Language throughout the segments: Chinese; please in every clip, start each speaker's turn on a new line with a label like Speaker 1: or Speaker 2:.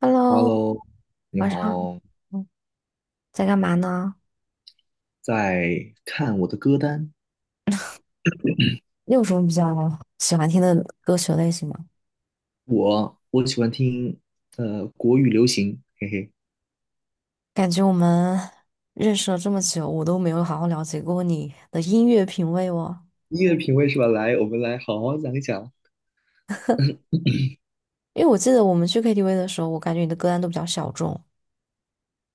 Speaker 1: Hello，
Speaker 2: Hello，你
Speaker 1: 晚上好，
Speaker 2: 好。
Speaker 1: 嗯在干嘛呢？
Speaker 2: 在看我的歌单，
Speaker 1: 你有什么比较喜欢听的歌曲类型吗？
Speaker 2: 我喜欢听国语流行，嘿嘿，
Speaker 1: 感觉我们认识了这么久，我都没有好好了解过你的音乐品味哦。
Speaker 2: 音乐品味是吧？来，我们来好好讲一讲
Speaker 1: 因为我记得我们去 KTV 的时候，我感觉你的歌单都比较小众。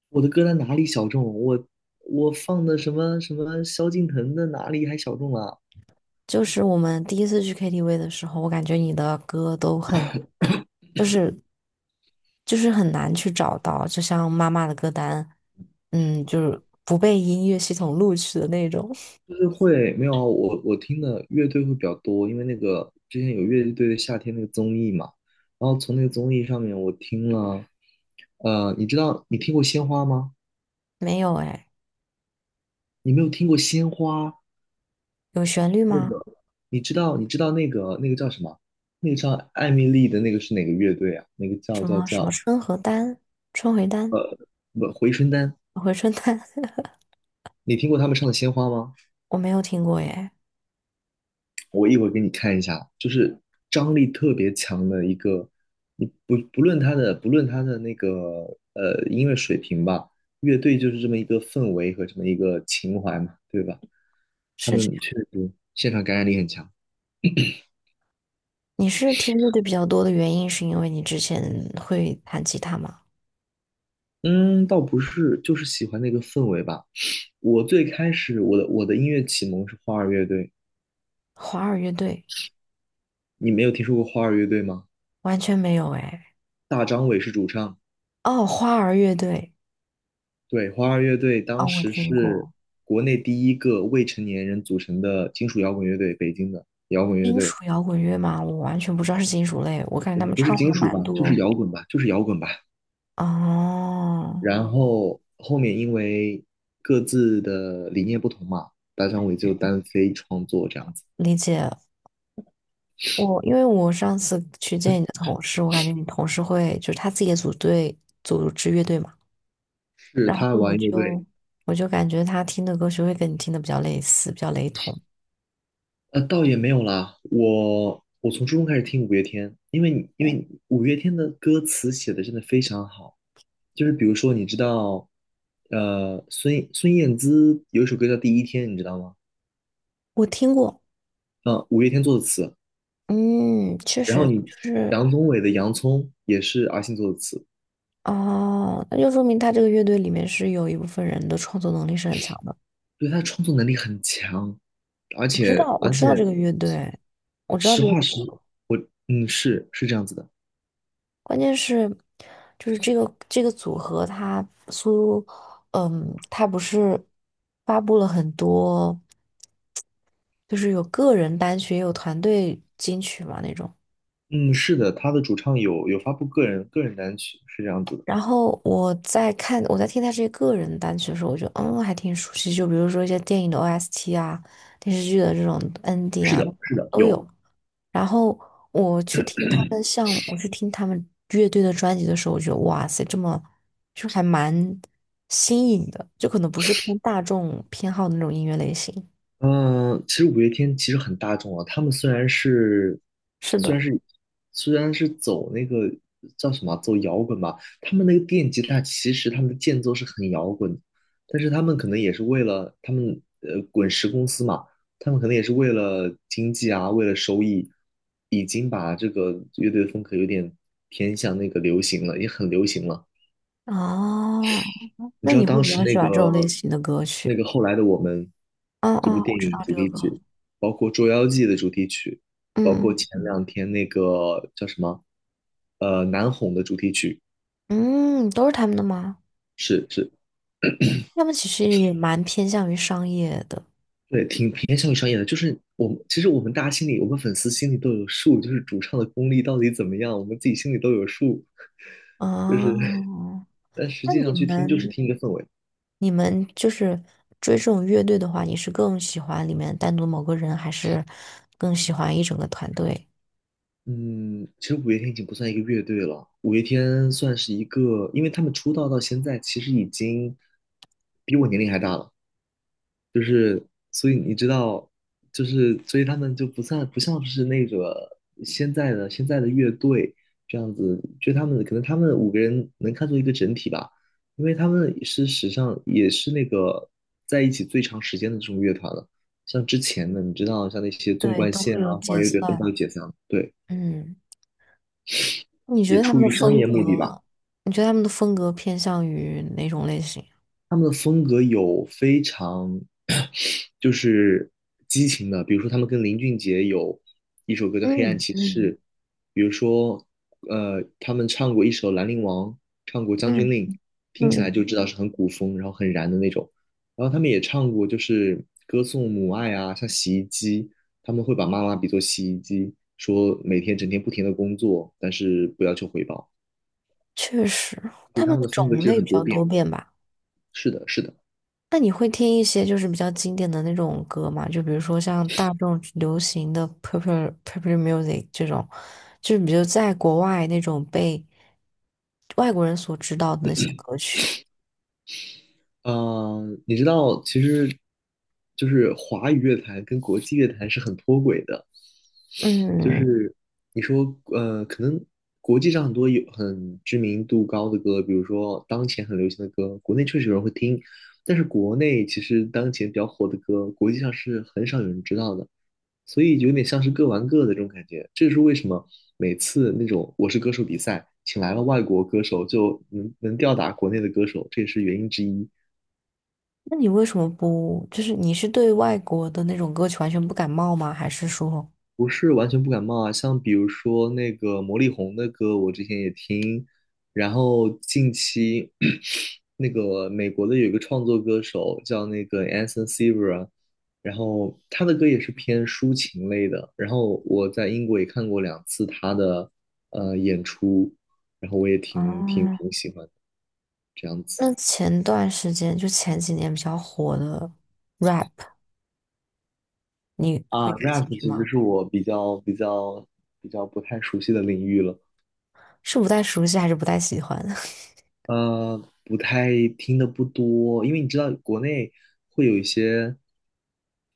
Speaker 2: 我的歌单哪里小众？我放的什么萧敬腾的哪里还小众啊？
Speaker 1: 就是我们第一次去 KTV 的时候，我感觉你的歌都很，就是就是很难去找到，就像妈妈的歌单，就是不被音乐系统录取的那种。
Speaker 2: 就是会没有啊我听的乐队会比较多，因为那个之前有乐队的夏天那个综艺嘛，然后从那个综艺上面我听了，你知道你听过鲜花吗？
Speaker 1: 没有哎，
Speaker 2: 你没有听过鲜花？
Speaker 1: 有旋律
Speaker 2: 那
Speaker 1: 吗？
Speaker 2: 个，你知道那个叫什么？那个叫艾米丽的那个是哪个乐队啊？那个叫
Speaker 1: 什
Speaker 2: 叫
Speaker 1: 么什么
Speaker 2: 叫
Speaker 1: 春和丹、春回丹、
Speaker 2: 不回春丹。
Speaker 1: 回春丹，
Speaker 2: 你听过他们唱的《鲜花》吗？
Speaker 1: 我没有听过耶。
Speaker 2: 我一会儿给你看一下，就是张力特别强的一个，你不论他的那个音乐水平吧，乐队就是这么一个氛围和这么一个情怀嘛，对吧？他
Speaker 1: 是这
Speaker 2: 们
Speaker 1: 样，
Speaker 2: 确实现场感染力很强。
Speaker 1: 你是听乐队比较多的原因，是因为你之前会弹吉他吗？
Speaker 2: 嗯，倒不是，就是喜欢那个氛围吧。我最开始我的音乐启蒙是花儿乐队，
Speaker 1: 花儿乐队
Speaker 2: 你没有听说过花儿乐队吗？
Speaker 1: 完全没有哎。
Speaker 2: 大张伟是主唱，
Speaker 1: 哦，花儿乐队，
Speaker 2: 对，花儿乐队当
Speaker 1: 哦，我
Speaker 2: 时
Speaker 1: 听
Speaker 2: 是
Speaker 1: 过。
Speaker 2: 国内第一个未成年人组成的金属摇滚乐队，北京的摇滚乐
Speaker 1: 金
Speaker 2: 队，
Speaker 1: 属摇滚乐吗？我完全不知道是金属类，我感觉他们
Speaker 2: 不
Speaker 1: 唱
Speaker 2: 是
Speaker 1: 的
Speaker 2: 金
Speaker 1: 还
Speaker 2: 属
Speaker 1: 蛮
Speaker 2: 吧，就是
Speaker 1: 多。
Speaker 2: 摇滚吧，就是摇滚吧。
Speaker 1: 哦，
Speaker 2: 然后后面因为各自的理念不同嘛，大张伟就单飞创作这样子，
Speaker 1: 理解。我因为我上次去见你的同事，我感觉你同事会就是他自己也组队组织乐队嘛。
Speaker 2: 是
Speaker 1: 然
Speaker 2: 他
Speaker 1: 后我
Speaker 2: 玩乐队，
Speaker 1: 就我就感觉他听的歌曲会跟你听的比较类似，比较雷同。
Speaker 2: 倒也没有啦。我从初中开始听五月天，因为五月天的歌词写的真的非常好。就是比如说，你知道，孙燕姿有一首歌叫《第一天》，你知道吗？
Speaker 1: 我听过，
Speaker 2: 嗯，五月天做的词。
Speaker 1: 嗯，确
Speaker 2: 然后
Speaker 1: 实就
Speaker 2: 你
Speaker 1: 是
Speaker 2: 杨宗纬的《洋葱》也是阿信做的词，
Speaker 1: 哦，那就说明他这个乐队里面是有一部分人的创作能力是很强的。
Speaker 2: 对，他的创作能力很强，而
Speaker 1: 我知
Speaker 2: 且
Speaker 1: 道，我
Speaker 2: 而
Speaker 1: 知
Speaker 2: 且
Speaker 1: 道这个乐队，我知道
Speaker 2: 实
Speaker 1: 这个
Speaker 2: 话
Speaker 1: 组
Speaker 2: 实，
Speaker 1: 合，
Speaker 2: 是这样子的。
Speaker 1: 关键是就是这个组合他苏，嗯，他不是发布了很多，就是有个人单曲也有团队金曲嘛那种。
Speaker 2: 嗯，是的，他的主唱有发布个人单曲，是这样子的。
Speaker 1: 然后我在看，我在听他这些个人单曲的时候，我觉得还挺熟悉，就比如说一些电影的 OST 啊，电视剧的这种 ending
Speaker 2: 是
Speaker 1: 啊
Speaker 2: 的，是的，
Speaker 1: 都
Speaker 2: 有。
Speaker 1: 有。然后我去听他们像我去听他们乐队的专辑的时候，我觉得哇塞，这么就还蛮新颖的，就可能不是偏大众偏好的那种音乐类型。
Speaker 2: 嗯，其实五月天其实很大众啊。他们
Speaker 1: 是
Speaker 2: 虽
Speaker 1: 的，
Speaker 2: 然是，虽然是走那个叫什么啊，走摇滚吧，他们那个电吉他其实他们的间奏是很摇滚的，但是他们可能也是为了他们滚石公司嘛，他们可能也是为了经济啊，为了收益，已经把这个乐队的风格有点偏向那个流行了，也很流行了。
Speaker 1: 哦，
Speaker 2: 你
Speaker 1: 那
Speaker 2: 知道
Speaker 1: 你会
Speaker 2: 当
Speaker 1: 比
Speaker 2: 时
Speaker 1: 较
Speaker 2: 那
Speaker 1: 喜
Speaker 2: 个
Speaker 1: 欢这种类型的歌
Speaker 2: 那
Speaker 1: 曲？
Speaker 2: 个后来的我们》
Speaker 1: 哦
Speaker 2: 这部
Speaker 1: 哦，我
Speaker 2: 电
Speaker 1: 知
Speaker 2: 影
Speaker 1: 道
Speaker 2: 主
Speaker 1: 这个
Speaker 2: 题
Speaker 1: 歌，
Speaker 2: 曲，包括《捉妖记》的主题曲，包括
Speaker 1: 嗯
Speaker 2: 前两天那个叫什么《难哄》的主题曲，
Speaker 1: 嗯，都是他们的吗？
Speaker 2: 是是，
Speaker 1: 他们其实也蛮偏向于商业的
Speaker 2: 对，挺偏向于商业的。就是我们其实我们大家心里，我们粉丝心里都有数，就是主唱的功力到底怎么样，我们自己心里都有数。就是，
Speaker 1: 哦。
Speaker 2: 但实
Speaker 1: 那
Speaker 2: 际
Speaker 1: 你
Speaker 2: 上去听就是
Speaker 1: 们，
Speaker 2: 听一个氛围。
Speaker 1: 你们就是追这种乐队的话，你是更喜欢里面单独某个人，还是更喜欢一整个团队？
Speaker 2: 嗯，其实五月天已经不算一个乐队了，五月天算是一个，因为他们出道到现在，其实已经比我年龄还大了，就是所以你知道，就是所以他们就不像是那个现在的乐队这样子，就他们五个人能看作一个整体吧，因为他们是史上也是那个在一起最长时间的这种乐团了，像之前的你知道像那些纵
Speaker 1: 对，
Speaker 2: 贯
Speaker 1: 都
Speaker 2: 线
Speaker 1: 会
Speaker 2: 啊，
Speaker 1: 有
Speaker 2: 花
Speaker 1: 解
Speaker 2: 儿乐队很早
Speaker 1: 散。
Speaker 2: 就解散了，对。
Speaker 1: 嗯，你觉
Speaker 2: 也
Speaker 1: 得他
Speaker 2: 出
Speaker 1: 们的
Speaker 2: 于商
Speaker 1: 风
Speaker 2: 业目的吧。
Speaker 1: 格，你觉得他们的风格偏向于哪种类型？
Speaker 2: 他们的风格有非常 就是激情的，比如说他们跟林俊杰有一首歌叫《黑暗
Speaker 1: 嗯
Speaker 2: 骑
Speaker 1: 嗯
Speaker 2: 士》，比如说他们唱过一首《兰陵王》，唱过《将军
Speaker 1: 嗯
Speaker 2: 令》，听起来
Speaker 1: 嗯，
Speaker 2: 就知道是很古风，然后很燃的那种。然后他们也唱过，就是歌颂母爱啊，像洗衣机，他们会把妈妈比作洗衣机，说每天整天不停的工作，但是不要求回报。
Speaker 1: 确实，
Speaker 2: 所
Speaker 1: 他
Speaker 2: 以他
Speaker 1: 们
Speaker 2: 们
Speaker 1: 的
Speaker 2: 的风格其
Speaker 1: 种
Speaker 2: 实
Speaker 1: 类
Speaker 2: 很
Speaker 1: 比
Speaker 2: 多
Speaker 1: 较
Speaker 2: 变。
Speaker 1: 多变吧。
Speaker 2: 是的，是的。
Speaker 1: 那你会听一些就是比较经典的那种歌吗？就比如说像大众流行的 popular music 这种，就是比如在国外那种被外国人所知道的那些歌曲。
Speaker 2: 嗯，你知道，其实就是华语乐坛跟国际乐坛是很脱轨的。就
Speaker 1: 嗯，
Speaker 2: 是你说，可能国际上很多有很知名度高的歌，比如说当前很流行的歌，国内确实有人会听，但是国内其实当前比较火的歌，国际上是很少有人知道的，所以有点像是各玩各的这种感觉。这是为什么每次那种《我是歌手》比赛，请来了外国歌手，就能吊打国内的歌手，这也是原因之一。
Speaker 1: 那你为什么不，就是你是对外国的那种歌曲完全不感冒吗？还是说，
Speaker 2: 不是完全不感冒啊，像比如说那个魔力红的歌，我之前也听，然后近期 那个美国的有一个创作歌手叫那个 Anson Sever，然后他的歌也是偏抒情类的，然后我在英国也看过两次他的演出，然后我也挺挺
Speaker 1: 哦，
Speaker 2: 挺喜欢的这样子
Speaker 1: 那前段时间就前几年比较火的 rap，你
Speaker 2: 啊
Speaker 1: 会感
Speaker 2: ，rap
Speaker 1: 兴趣
Speaker 2: 其实
Speaker 1: 吗？
Speaker 2: 是我比较不太熟悉的领域了。
Speaker 1: 是不太熟悉还是不太喜欢？
Speaker 2: 呃，不太，听的不多，因为你知道国内会有一些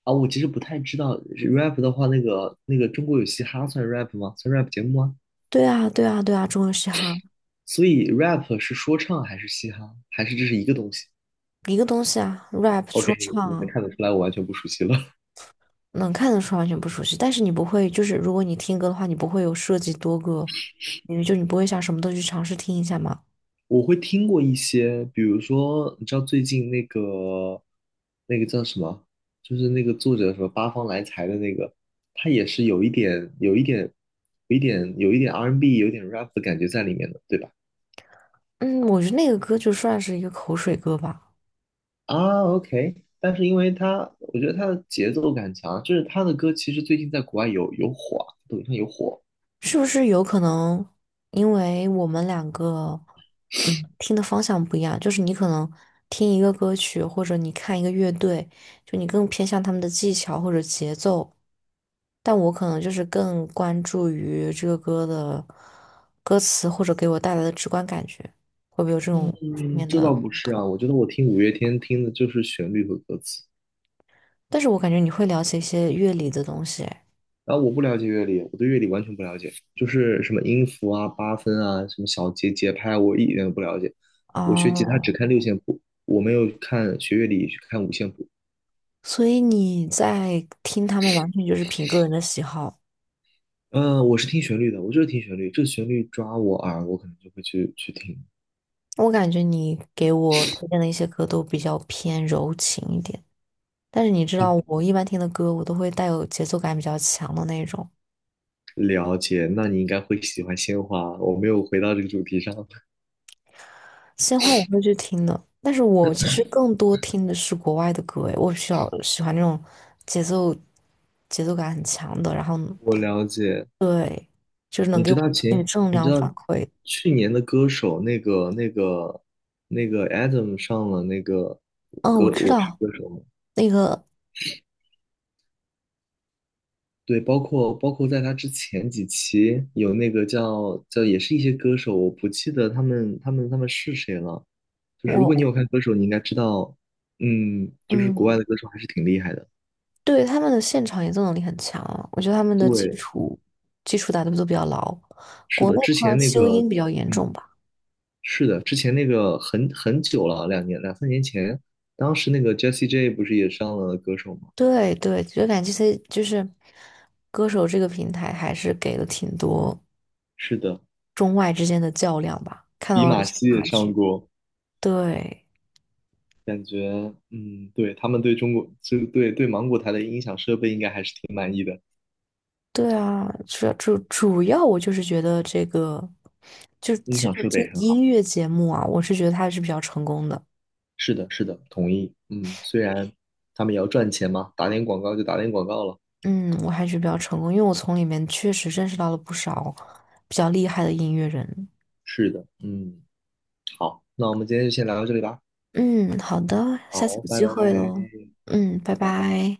Speaker 2: 啊，我其实不太知道 rap 的话，那个中国有嘻哈算 rap 吗？算 rap 节目吗？
Speaker 1: 对啊，对啊，对啊，中文嘻哈。
Speaker 2: 所以 rap 是说唱还是嘻哈，还是这是一个东西
Speaker 1: 一个东西啊，rap
Speaker 2: ？OK，
Speaker 1: 说
Speaker 2: 你能
Speaker 1: 唱
Speaker 2: 看得出来我完全不熟悉了。
Speaker 1: 能看得出完全不熟悉，但是你不会，就是如果你听歌的话，你不会有涉及多个因为就你不会想什么都去尝试听一下嘛。
Speaker 2: 我会听过一些，比如说，你知道最近那个叫什么，就是那个作者什么八方来财的那个，他也是有一点 R&B n 有一点 rap 的感觉在里面的，对吧？
Speaker 1: 嗯，我觉得那个歌就算是一个口水歌吧，
Speaker 2: 啊，OK，但是因为他，我觉得他的节奏感强，就是他的歌其实最近在国外有火啊，抖音上有火。
Speaker 1: 是不是有可能因为我们两个听的方向不一样，就是你可能听一个歌曲或者你看一个乐队，就你更偏向他们的技巧或者节奏，但我可能就是更关注于这个歌的歌词或者给我带来的直观感觉，会不会有这种方
Speaker 2: 嗯，
Speaker 1: 面
Speaker 2: 这
Speaker 1: 的？
Speaker 2: 倒不是啊，我觉得我听五月天听的就是旋律和歌词。
Speaker 1: 但是我感觉你会了解一些乐理的东西哎
Speaker 2: 然后我不了解乐理，我对乐理完全不了解，就是什么音符啊、八分啊、什么小节、节拍，我一点都不了解。我学吉他只
Speaker 1: 哦，
Speaker 2: 看六线谱，我没有看学乐理去看五线谱。
Speaker 1: 所以你在听他们完全就是凭个人的喜好。
Speaker 2: 嗯，我是听旋律的，我就是听旋律，这旋律抓我耳，我可能就会去听。
Speaker 1: 我感觉你给我推荐的一些歌都比较偏柔情一点，但是你知道我一般听的歌，我都会带有节奏感比较强的那种。
Speaker 2: 了解，那你应该会喜欢鲜花。我没有回到这个主题上。
Speaker 1: 鲜花我会去听的，但是我其实更多听的是国外的歌，诶，我比较喜欢那种节奏节奏感很强的，然后对，就是能
Speaker 2: 你
Speaker 1: 给
Speaker 2: 知
Speaker 1: 我
Speaker 2: 道
Speaker 1: 那个
Speaker 2: 前，
Speaker 1: 正
Speaker 2: 你知
Speaker 1: 量
Speaker 2: 道
Speaker 1: 反馈。
Speaker 2: 去年的歌手那个 Adam 上了那个
Speaker 1: 嗯，
Speaker 2: 歌
Speaker 1: 我知
Speaker 2: 《我是
Speaker 1: 道
Speaker 2: 歌手》吗？
Speaker 1: 那个
Speaker 2: 对，包括在他之前几期有那个叫也是一些歌手，我不记得他们是谁了。就是如果你
Speaker 1: 我
Speaker 2: 有看歌手，你应该知道，就是国外
Speaker 1: 嗯，
Speaker 2: 的歌手还是挺厉害的。
Speaker 1: 对他们的现场演奏能力很强啊我觉得他们的基
Speaker 2: 对，
Speaker 1: 础基础打得都比较牢。
Speaker 2: 是
Speaker 1: 国
Speaker 2: 的，
Speaker 1: 内
Speaker 2: 之
Speaker 1: 的话，
Speaker 2: 前那
Speaker 1: 修
Speaker 2: 个，
Speaker 1: 音比较严
Speaker 2: 嗯，
Speaker 1: 重吧。
Speaker 2: 是的，之前那个很久了，两三年前，当时那个 Jessie J 不是也上了歌手吗？
Speaker 1: 对对，就感觉这些就是歌手这个平台还是给了挺多。
Speaker 2: 是的，
Speaker 1: 中外之间的较量吧，看
Speaker 2: 比
Speaker 1: 到了一
Speaker 2: 马
Speaker 1: 些
Speaker 2: 西也
Speaker 1: 差
Speaker 2: 上
Speaker 1: 距。
Speaker 2: 过，
Speaker 1: 对，
Speaker 2: 感觉嗯，对，他们对中国就对芒果台的音响设备应该还是挺满意的。
Speaker 1: 对啊，主要我就是觉得这个，就
Speaker 2: 音
Speaker 1: 这
Speaker 2: 响
Speaker 1: 个
Speaker 2: 设
Speaker 1: 这
Speaker 2: 备
Speaker 1: 个
Speaker 2: 很
Speaker 1: 音
Speaker 2: 好，
Speaker 1: 乐节目啊，我是觉得它还是比较成功的。
Speaker 2: 是的，是的，同意。嗯，虽然他们也要赚钱嘛，打点广告就打点广告了。
Speaker 1: 嗯，我还是比较成功，因为我从里面确实认识到了不少比较厉害的音乐人。
Speaker 2: 是的，嗯，好，那我们今天就先聊到这里吧。
Speaker 1: 嗯，好的，下次
Speaker 2: 好，
Speaker 1: 有
Speaker 2: 拜
Speaker 1: 机会
Speaker 2: 拜，
Speaker 1: 喽。嗯，拜
Speaker 2: 拜拜。
Speaker 1: 拜。